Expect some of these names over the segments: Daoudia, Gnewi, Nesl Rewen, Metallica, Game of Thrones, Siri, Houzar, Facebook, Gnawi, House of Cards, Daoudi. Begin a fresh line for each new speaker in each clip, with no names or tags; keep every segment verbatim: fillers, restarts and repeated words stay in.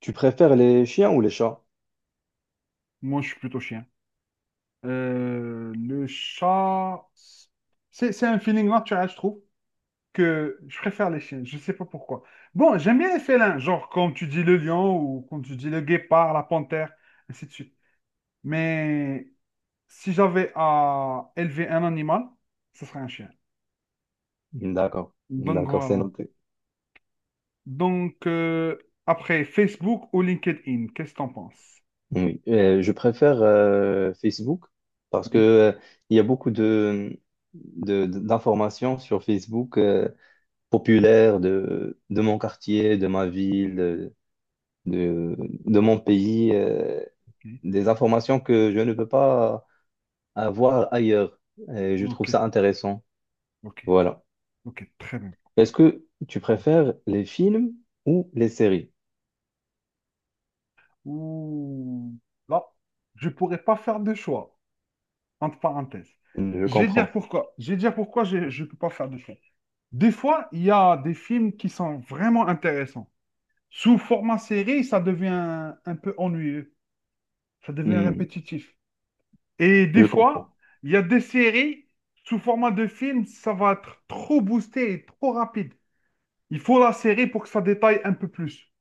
Tu préfères les chiens ou les chats?
Moi, je suis plutôt chien. Euh, le chat, c'est c'est un feeling naturel, je trouve, que je préfère les chiens. Je sais pas pourquoi. Bon, j'aime bien les félins, genre comme tu dis le lion ou comme tu dis le guépard, la panthère, ainsi de suite. Mais si j'avais à élever un animal, ce serait un chien.
D'accord,
Donc
d'accord, c'est
voilà.
noté.
Donc euh, après, Facebook ou LinkedIn, qu'est-ce que t'en penses?
Oui. Euh, je préfère euh, Facebook parce que
Oui.
euh, il y a beaucoup de, de- d'informations sur Facebook euh, populaires de, de mon quartier, de ma ville, de, de, de mon pays, euh,
Ok,
des informations que je ne peux pas avoir ailleurs. Et je trouve
ok,
ça intéressant.
ok,
Voilà.
ok, très bien.
Est-ce que tu préfères les films ou les séries?
Ouh, là, je pourrais pas faire de choix, entre parenthèses.
Je
Je vais dire
comprends.
pourquoi. Je vais dire pourquoi je ne peux pas faire de choix. Des fois, il y a des films qui sont vraiment intéressants. Sous format série, ça devient un peu ennuyeux. Ça devient
Hmm,
répétitif. Et
je
des fois,
comprends.
il y a des séries, sous format de film, ça va être trop boosté et trop rapide. Il faut la série pour que ça détaille un peu plus.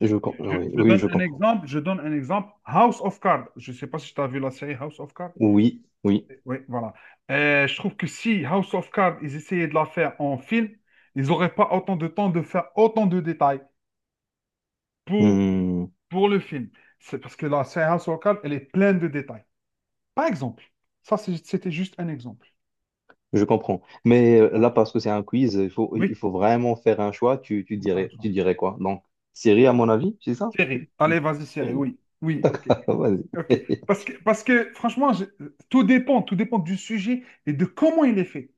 Je com- ah
Je,
oui,
je
oui,
donne
je
un
comprends.
exemple, je donne un exemple. House of Cards. Je ne sais pas si tu as vu la série House of Cards.
Oui, oui,
Oui, voilà. Euh, je trouve que si House of Cards, ils essayaient de la faire en film, ils n'auraient pas autant de temps de faire autant de détails pour,
Hmm,
pour le film. C'est parce que la série House of Cards, elle est pleine de détails. Par exemple, ça, c'est- c'était juste un exemple.
je comprends. Mais euh,
Voilà.
là, parce que c'est un quiz, il faut, il
Oui,
faut vraiment faire un choix. Tu, tu
c'est ça,
dirais,
ça.
tu dirais quoi? Donc, Siri, à mon avis, c'est ça?
Série. Allez,
Tu...
vas-y, série.
Oui.
Oui, oui, ok.
vas-y.
Ok. Parce que, parce que franchement, je- tout dépend, tout dépend du sujet et de comment il est fait.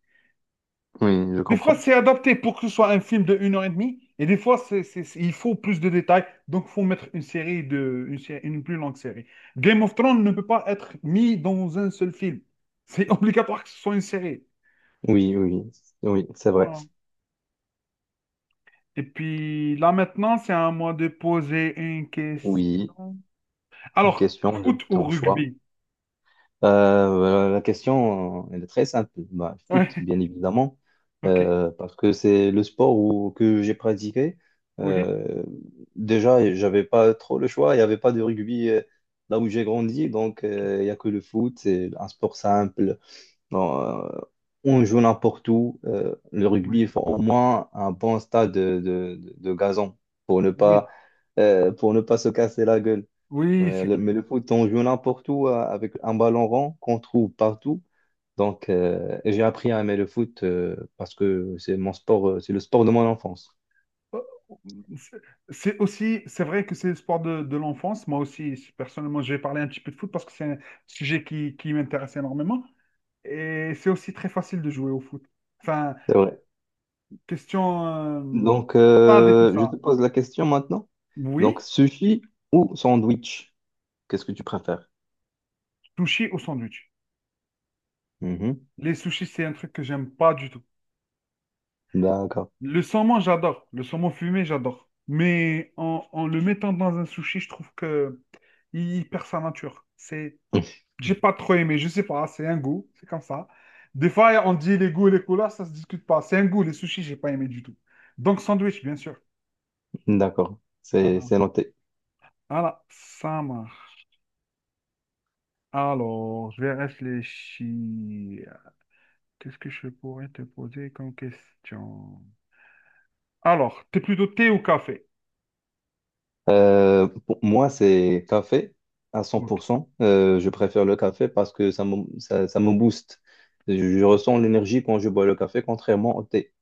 Oui, je
Des fois,
comprends.
c'est adapté pour que ce soit un film de une heure et demie et des fois, c'est, c'est- c'est- il faut plus de détails, donc il faut mettre une série de, une, sé- une plus longue série. Game of Thrones ne peut pas être mis dans un seul film. C'est obligatoire que ce soit une série.
Oui, oui, oui, c'est vrai.
Ah. Et puis là maintenant, c'est à moi de poser une
Oui,
question.
une
Alors,
question de
foot ou
ton choix.
rugby?
Euh, la question, euh, elle est très simple. Bah, foot,
Ouais,
bien évidemment,
ok,
euh, parce que c'est le sport où- que j'ai pratiqué.
ok,
Euh, déjà, j'avais pas trop le choix. Il n'y avait pas de rugby euh, là où j'ai grandi, donc euh, il n'y a que le foot. C'est un sport simple. Bon, euh, on joue n'importe où. Euh, le
oui,
rugby, il faut au moins un bon stade de, de, de- de gazon pour ne
oui,
pas, euh, pour ne pas se casser la gueule.
oui,
Mais
c'est
le,
clair.
mais le foot, on joue n'importe où euh, avec un ballon rond qu'on trouve partout. Donc, euh, et j'ai appris à aimer le foot euh, parce que c'est mon sport, euh, c'est le sport de mon enfance.
C'est c'est aussi, c'est vrai que c'est le sport de, de l'enfance. Moi aussi, personnellement, je vais parler un petit peu de foot parce que c'est un sujet qui, qui m'intéresse énormément. Et c'est aussi très facile de jouer au foot. Enfin,
C'est vrai.
question euh,
Donc,
stade et tout
euh, je
ça.
te pose la question maintenant. Donc,
Oui,
sushi ou sandwich, qu'est-ce que tu préfères?
sushi au sandwich.
Mhm.
Les sushis, c'est un truc que j'aime pas du tout.
D'accord.
Le saumon, j'adore. Le saumon fumé, j'adore. Mais en, en le mettant dans un sushi, je trouve que il perd sa nature. C'est j'ai pas trop aimé, je sais pas, c'est un goût, c'est comme ça. Des fois, on dit les goûts et les couleurs, ça se discute pas. C'est un goût, les sushis, j'ai pas aimé du tout. Donc, sandwich, bien sûr.
D'accord. C'est
Voilà,
c'est noté.
voilà, ça marche. Alors, je vais réfléchir. Qu'est-ce que je pourrais te poser comme question? Alors, t'es plutôt thé ou café?
Euh, pour moi, c'est café à
Ok.
cent pour cent. Euh, je préfère le café parce que ça me, ça, ça me booste. Je, je ressens l'énergie quand je bois le café, contrairement au thé.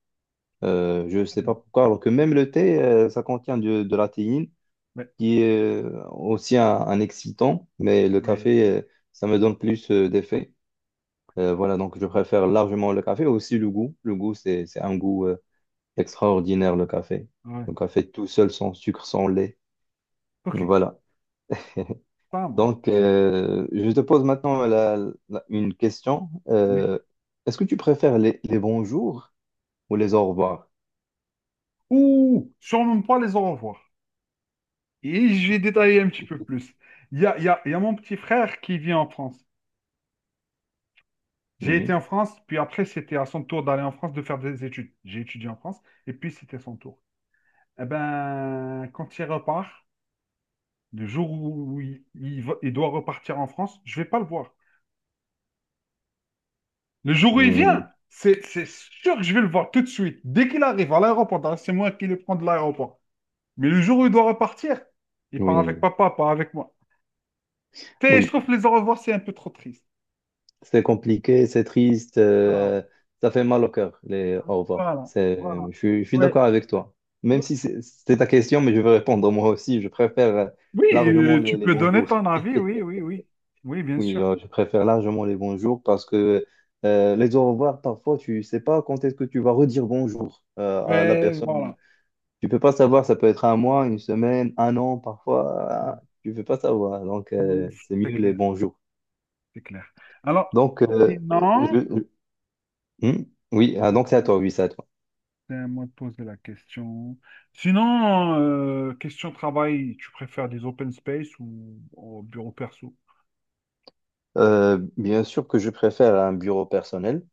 Euh, je ne sais pas pourquoi, alors que même le thé, euh, ça contient de, de la théine,
Ouais,
qui est euh, aussi un, un excitant, mais le
ouais,
café, euh, ça me donne plus euh, d'effet. Euh, voilà, donc je préfère largement le café, aussi le goût. Le goût, c'est, c'est un goût euh, extraordinaire, le café.
ouais.
Le café tout seul, sans sucre, sans lait.
Ok,
Voilà.
ça
Donc,
marche.
euh, je te pose maintenant la- la- une question.
Oui.
Euh, est-ce que tu préfères les, les bonjours ou les au revoir?
Ouh, surnomme pas les au revoir. Et je vais détailler un petit peu plus. Il y a, il y a, il y a mon petit frère qui vit en France. J'ai été
Mhm.
en France, puis après, c'était à son tour d'aller en France, de faire des études. J'ai étudié en France, et puis c'était son tour. Eh ben, quand il repart, le jour où il, il va- il doit repartir en France, je vais pas le voir. Le jour où il
Mhm.
vient, c'est c'est sûr que je vais le voir tout de suite. Dès qu'il arrive à l'aéroport, d'ailleurs, c'est moi qui le prends de l'aéroport. Mais le jour où il doit repartir, il part avec
Oui,
papa, pas avec moi. Tu sais, je
oui.
trouve que les au revoir, c'est un peu trop triste.
C'est compliqué, c'est triste,
Voilà,
euh, ça fait mal au cœur, les au revoir.
voilà, voilà.
C'est, je, suis je suis
Ouais.
d'accord avec toi. Même si c'est c'est ta question, mais je vais répondre moi aussi. Je préfère euh,
Oui,
largement
euh,
les,
tu
les
peux donner
bonjours.
ton avis, oui, oui, oui. Oui, bien
Oui,
sûr.
euh, je préfère largement les bonjours parce que euh, les au revoir, parfois, tu sais pas quand est-ce que tu vas redire bonjour euh, à la
Mais
personne.
voilà,
Tu peux pas savoir, ça peut être un mois, une semaine, un an, parfois, euh, tu peux pas savoir. Donc,
mm,
euh, c'est
c'est
mieux les
clair,
bonjours.
c'est clair. Alors,
Donc, euh, euh,
sinon,
je- je- hmm oui, ah, donc c'est à toi, oui, c'est à toi.
c'est à moi de poser la question. Sinon, euh, question travail, tu préfères des open space ou au bureau perso?
Euh, bien sûr que je préfère un bureau personnel,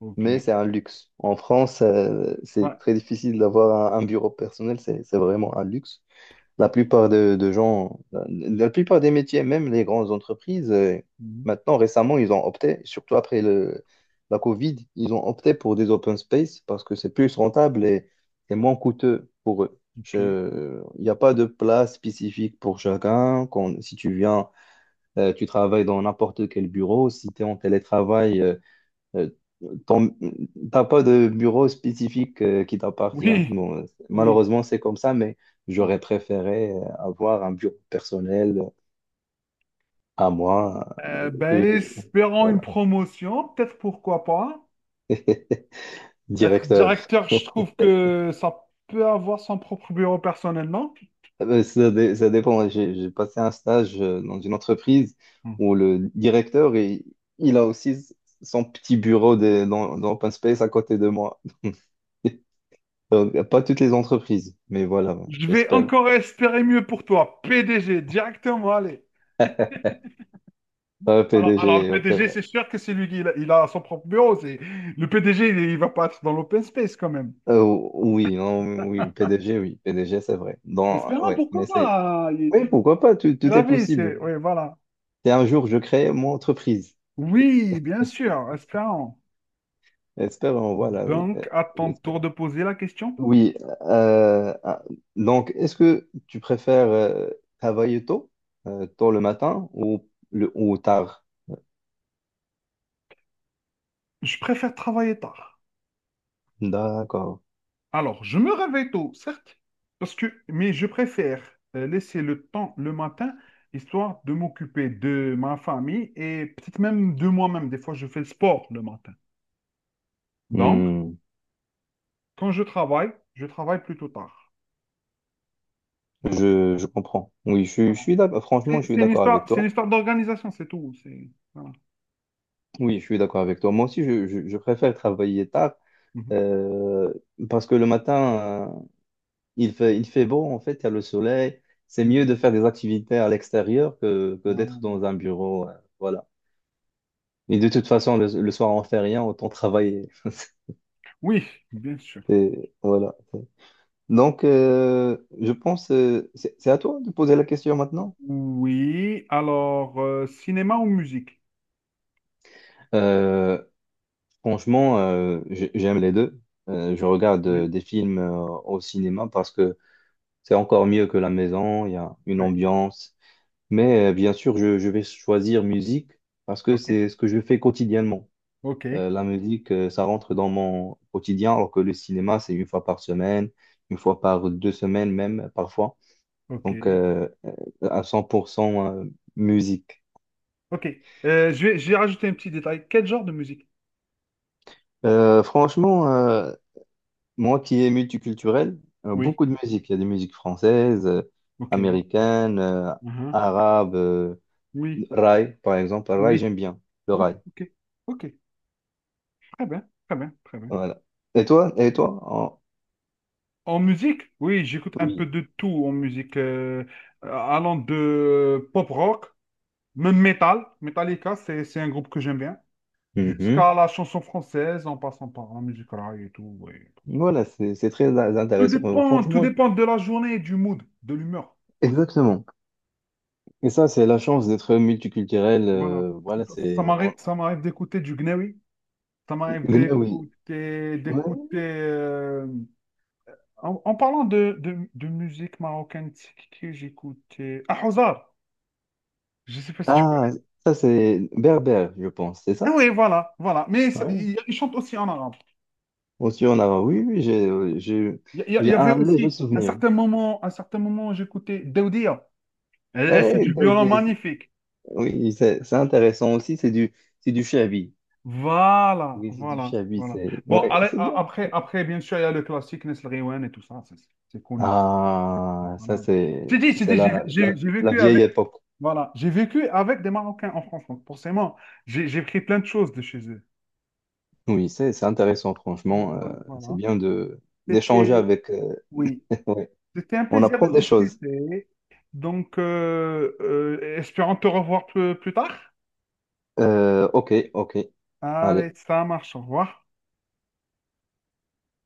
Ok.
mais c'est un luxe. En France, euh, c'est
Ouais.
très difficile d'avoir un, un bureau personnel, c'est c'est vraiment un luxe. La plupart de, de gens, la, la plupart des métiers, même les grandes entreprises, euh,
Mhm.
maintenant, récemment, ils ont opté, surtout après le, la Covid, ils ont opté pour des open space parce que c'est plus rentable et, et moins coûteux pour eux.
Ok.
Je- Il n'y a pas de place spécifique pour chacun. Quand, si tu viens, euh, tu travailles dans n'importe quel bureau. Si tu es en télétravail, euh, euh, ton- T'as pas de bureau spécifique euh, qui t'appartient.
Oui,
Bon, euh,
oui.
malheureusement, c'est comme ça, mais j'aurais préféré euh, avoir un bureau personnel à moi
Euh,
euh,
ben,
que,
espérant une
voilà,
promotion, peut-être pourquoi pas. Être
directeur.
directeur, je trouve que ça peut avoir son propre bureau personnellement.
Euh, Ça, dé- ça dépend. J'ai j'ai passé un stage euh, dans une entreprise où le directeur, il, il a aussi s- son petit bureau de- dans, dans Open Space à côté de moi. Donc, pas toutes les entreprises, mais voilà,
Je vais
j'espère.
encore espérer mieux pour toi. P D G, directement, allez.
Ah,
Alors, alors le
P D G, ouais, c'est
P D G,
vrai.
c'est sûr que c'est lui qui il a, il a son propre bureau. C'est... Le P D G, il, il va pas être dans l'open space quand même.
Euh, oui, non, oui, P D G, oui, P D G, c'est vrai. Dans,
Espérant,
ouais,
pourquoi
mais c'est,
pas?
oui,
Il,
pourquoi pas, tout,
il
tout est
avait, c'est...
possible.
Oui, voilà.
Et un jour, je crée mon entreprise.
Oui, bien sûr, espérant.
Espérons, voilà, oui, euh,
Donc, à ton tour
j'espère.
de poser la question.
Oui, euh, ah, donc, est-ce que tu préfères euh, travailler tôt, euh, tôt le matin ou, le, ou tard?
Je préfère travailler tard.
D'accord.
Alors, je me réveille tôt, certes, parce que, mais je préfère euh, laisser le temps le matin, histoire de m'occuper de ma famille et peut-être même de moi-même. Des fois, je fais le sport le matin. Donc,
Hmm,
quand je travaille, je travaille plutôt tard.
je, je comprends. Oui, je, je
Voilà.
suis d'accord. Franchement,
C'est
je suis
c'est une
d'accord avec
histoire, c'est une
toi.
histoire d'organisation, c'est tout. C'est, voilà.
Oui, je suis d'accord avec toi. Moi aussi, je, je, je préfère travailler tard
Mhm,
Euh, parce que le matin, euh, il fait, il fait beau, en fait, il y a le soleil. C'est
mhm.
mieux de faire des activités à l'extérieur que, que
Voilà.
d'être dans un bureau. euh, voilà. Et de toute façon, le, le soir, on fait rien, autant travailler.
Oui, bien sûr.
Et voilà. Donc, euh, je pense, euh, c'est c'est à toi de poser la question maintenant.
Oui, alors, euh, cinéma ou musique?
Euh, franchement, euh, j'ai- j'aime les deux. Euh, je regarde euh,
Oui,
des films euh, au cinéma parce que c'est encore mieux que la maison. Il y a une
ouais,
ambiance.
ouais.
Mais euh, bien sûr, je, je vais choisir musique parce que
Ok,
c'est ce que je fais quotidiennement.
ok,
Euh, la musique, euh, ça rentre dans mon quotidien, alors que le cinéma, c'est une fois par semaine, une fois par deux semaines même, parfois.
ok.
Donc, euh, euh, à cent pour cent euh, musique.
Ok. Euh, je vais, je vais rajouter un petit détail. Quel genre de musique?
Euh, franchement, euh, moi qui est multiculturel, euh,
Oui.
beaucoup de musique. Il y a des musiques françaises, euh,
Ok.
américaines, euh,
Mhm.
arabes, euh,
Oui.
raï, par exemple. Raï,
Oui.
j'aime bien, le
Oui.
raï.
Ok. Ok. Très bien. Très bien. Très bien.
Voilà. Et toi? Et toi? En-
En musique? Oui, j'écoute un peu
Oui.
de tout en musique. Euh, euh, allant de pop rock, même metal. Metallica, c'est, c'est un groupe que j'aime bien.
Mhm.
Jusqu'à la chanson française, en passant par la musique rail et tout. Oui.
Voilà, c'est c'est très in-
Tout
intéressant. Euh,
dépend, tout
Franchement,
dépend de la journée, du mood, de l'humeur.
exactement. Et ça, c'est la chance d'être multiculturel.
Voilà.
euh, voilà,
Ça, ça
c'est.
m'arrive,
on-
ça m'arrive d'écouter du Gnewi. Ça m'arrive
Gnawi.
d'écouter,
Ouais.
d'écouter. euh, en, en parlant de, de, de musique marocaine, c'est qui que j'écoutais? Ah, Houzar! Je sais pas si tu connais.
Ah, ça, c'est berbère, je pense, c'est
Ah
ça?
oui, voilà, voilà. Mais ça-
Ouais.
il, il chante aussi en arabe.
Aussi, on a. Oui, oui, j'ai euh, j'ai
Il, y a- il
j'ai
y avait
un léger
aussi un
souvenir.
certain moment, un certain moment, j'écoutais Daoudia. Elle, elle fait
Eh,
du violon
Daoudi,
magnifique.
oui, c'est c'est intéressant aussi. C'est du, c'est du shabi.
Voilà,
Oui, c'est du
voilà,
shabi.
voilà.
C'est
Bon,
ouais,
allez,
c'est
a-
bien.
après, après, bien sûr, il y a le classique Nesl Rewen et tout ça. C'est c'est connu.
Ah, ça,
Voilà.
c'est
Je dit, je
c'est
dit, j'ai
la,
j'ai-
la,
j'ai
la
vécu
vieille
avec.
époque.
Voilà, j'ai vécu avec des Marocains en France, donc forcément, j'ai j'ai pris plein de choses de chez eux.
Oui, c'est c'est intéressant, franchement. euh,
Donc
c'est
voilà,
bien de d'échanger
c'était,
avec. euh,
oui, c'était un
on
plaisir de
apprend des choses.
discuter. Donc, euh, euh, espérons te revoir plus, plus tard.
Euh, ok, ok.
Allez,
Allez.
ça marche, au revoir.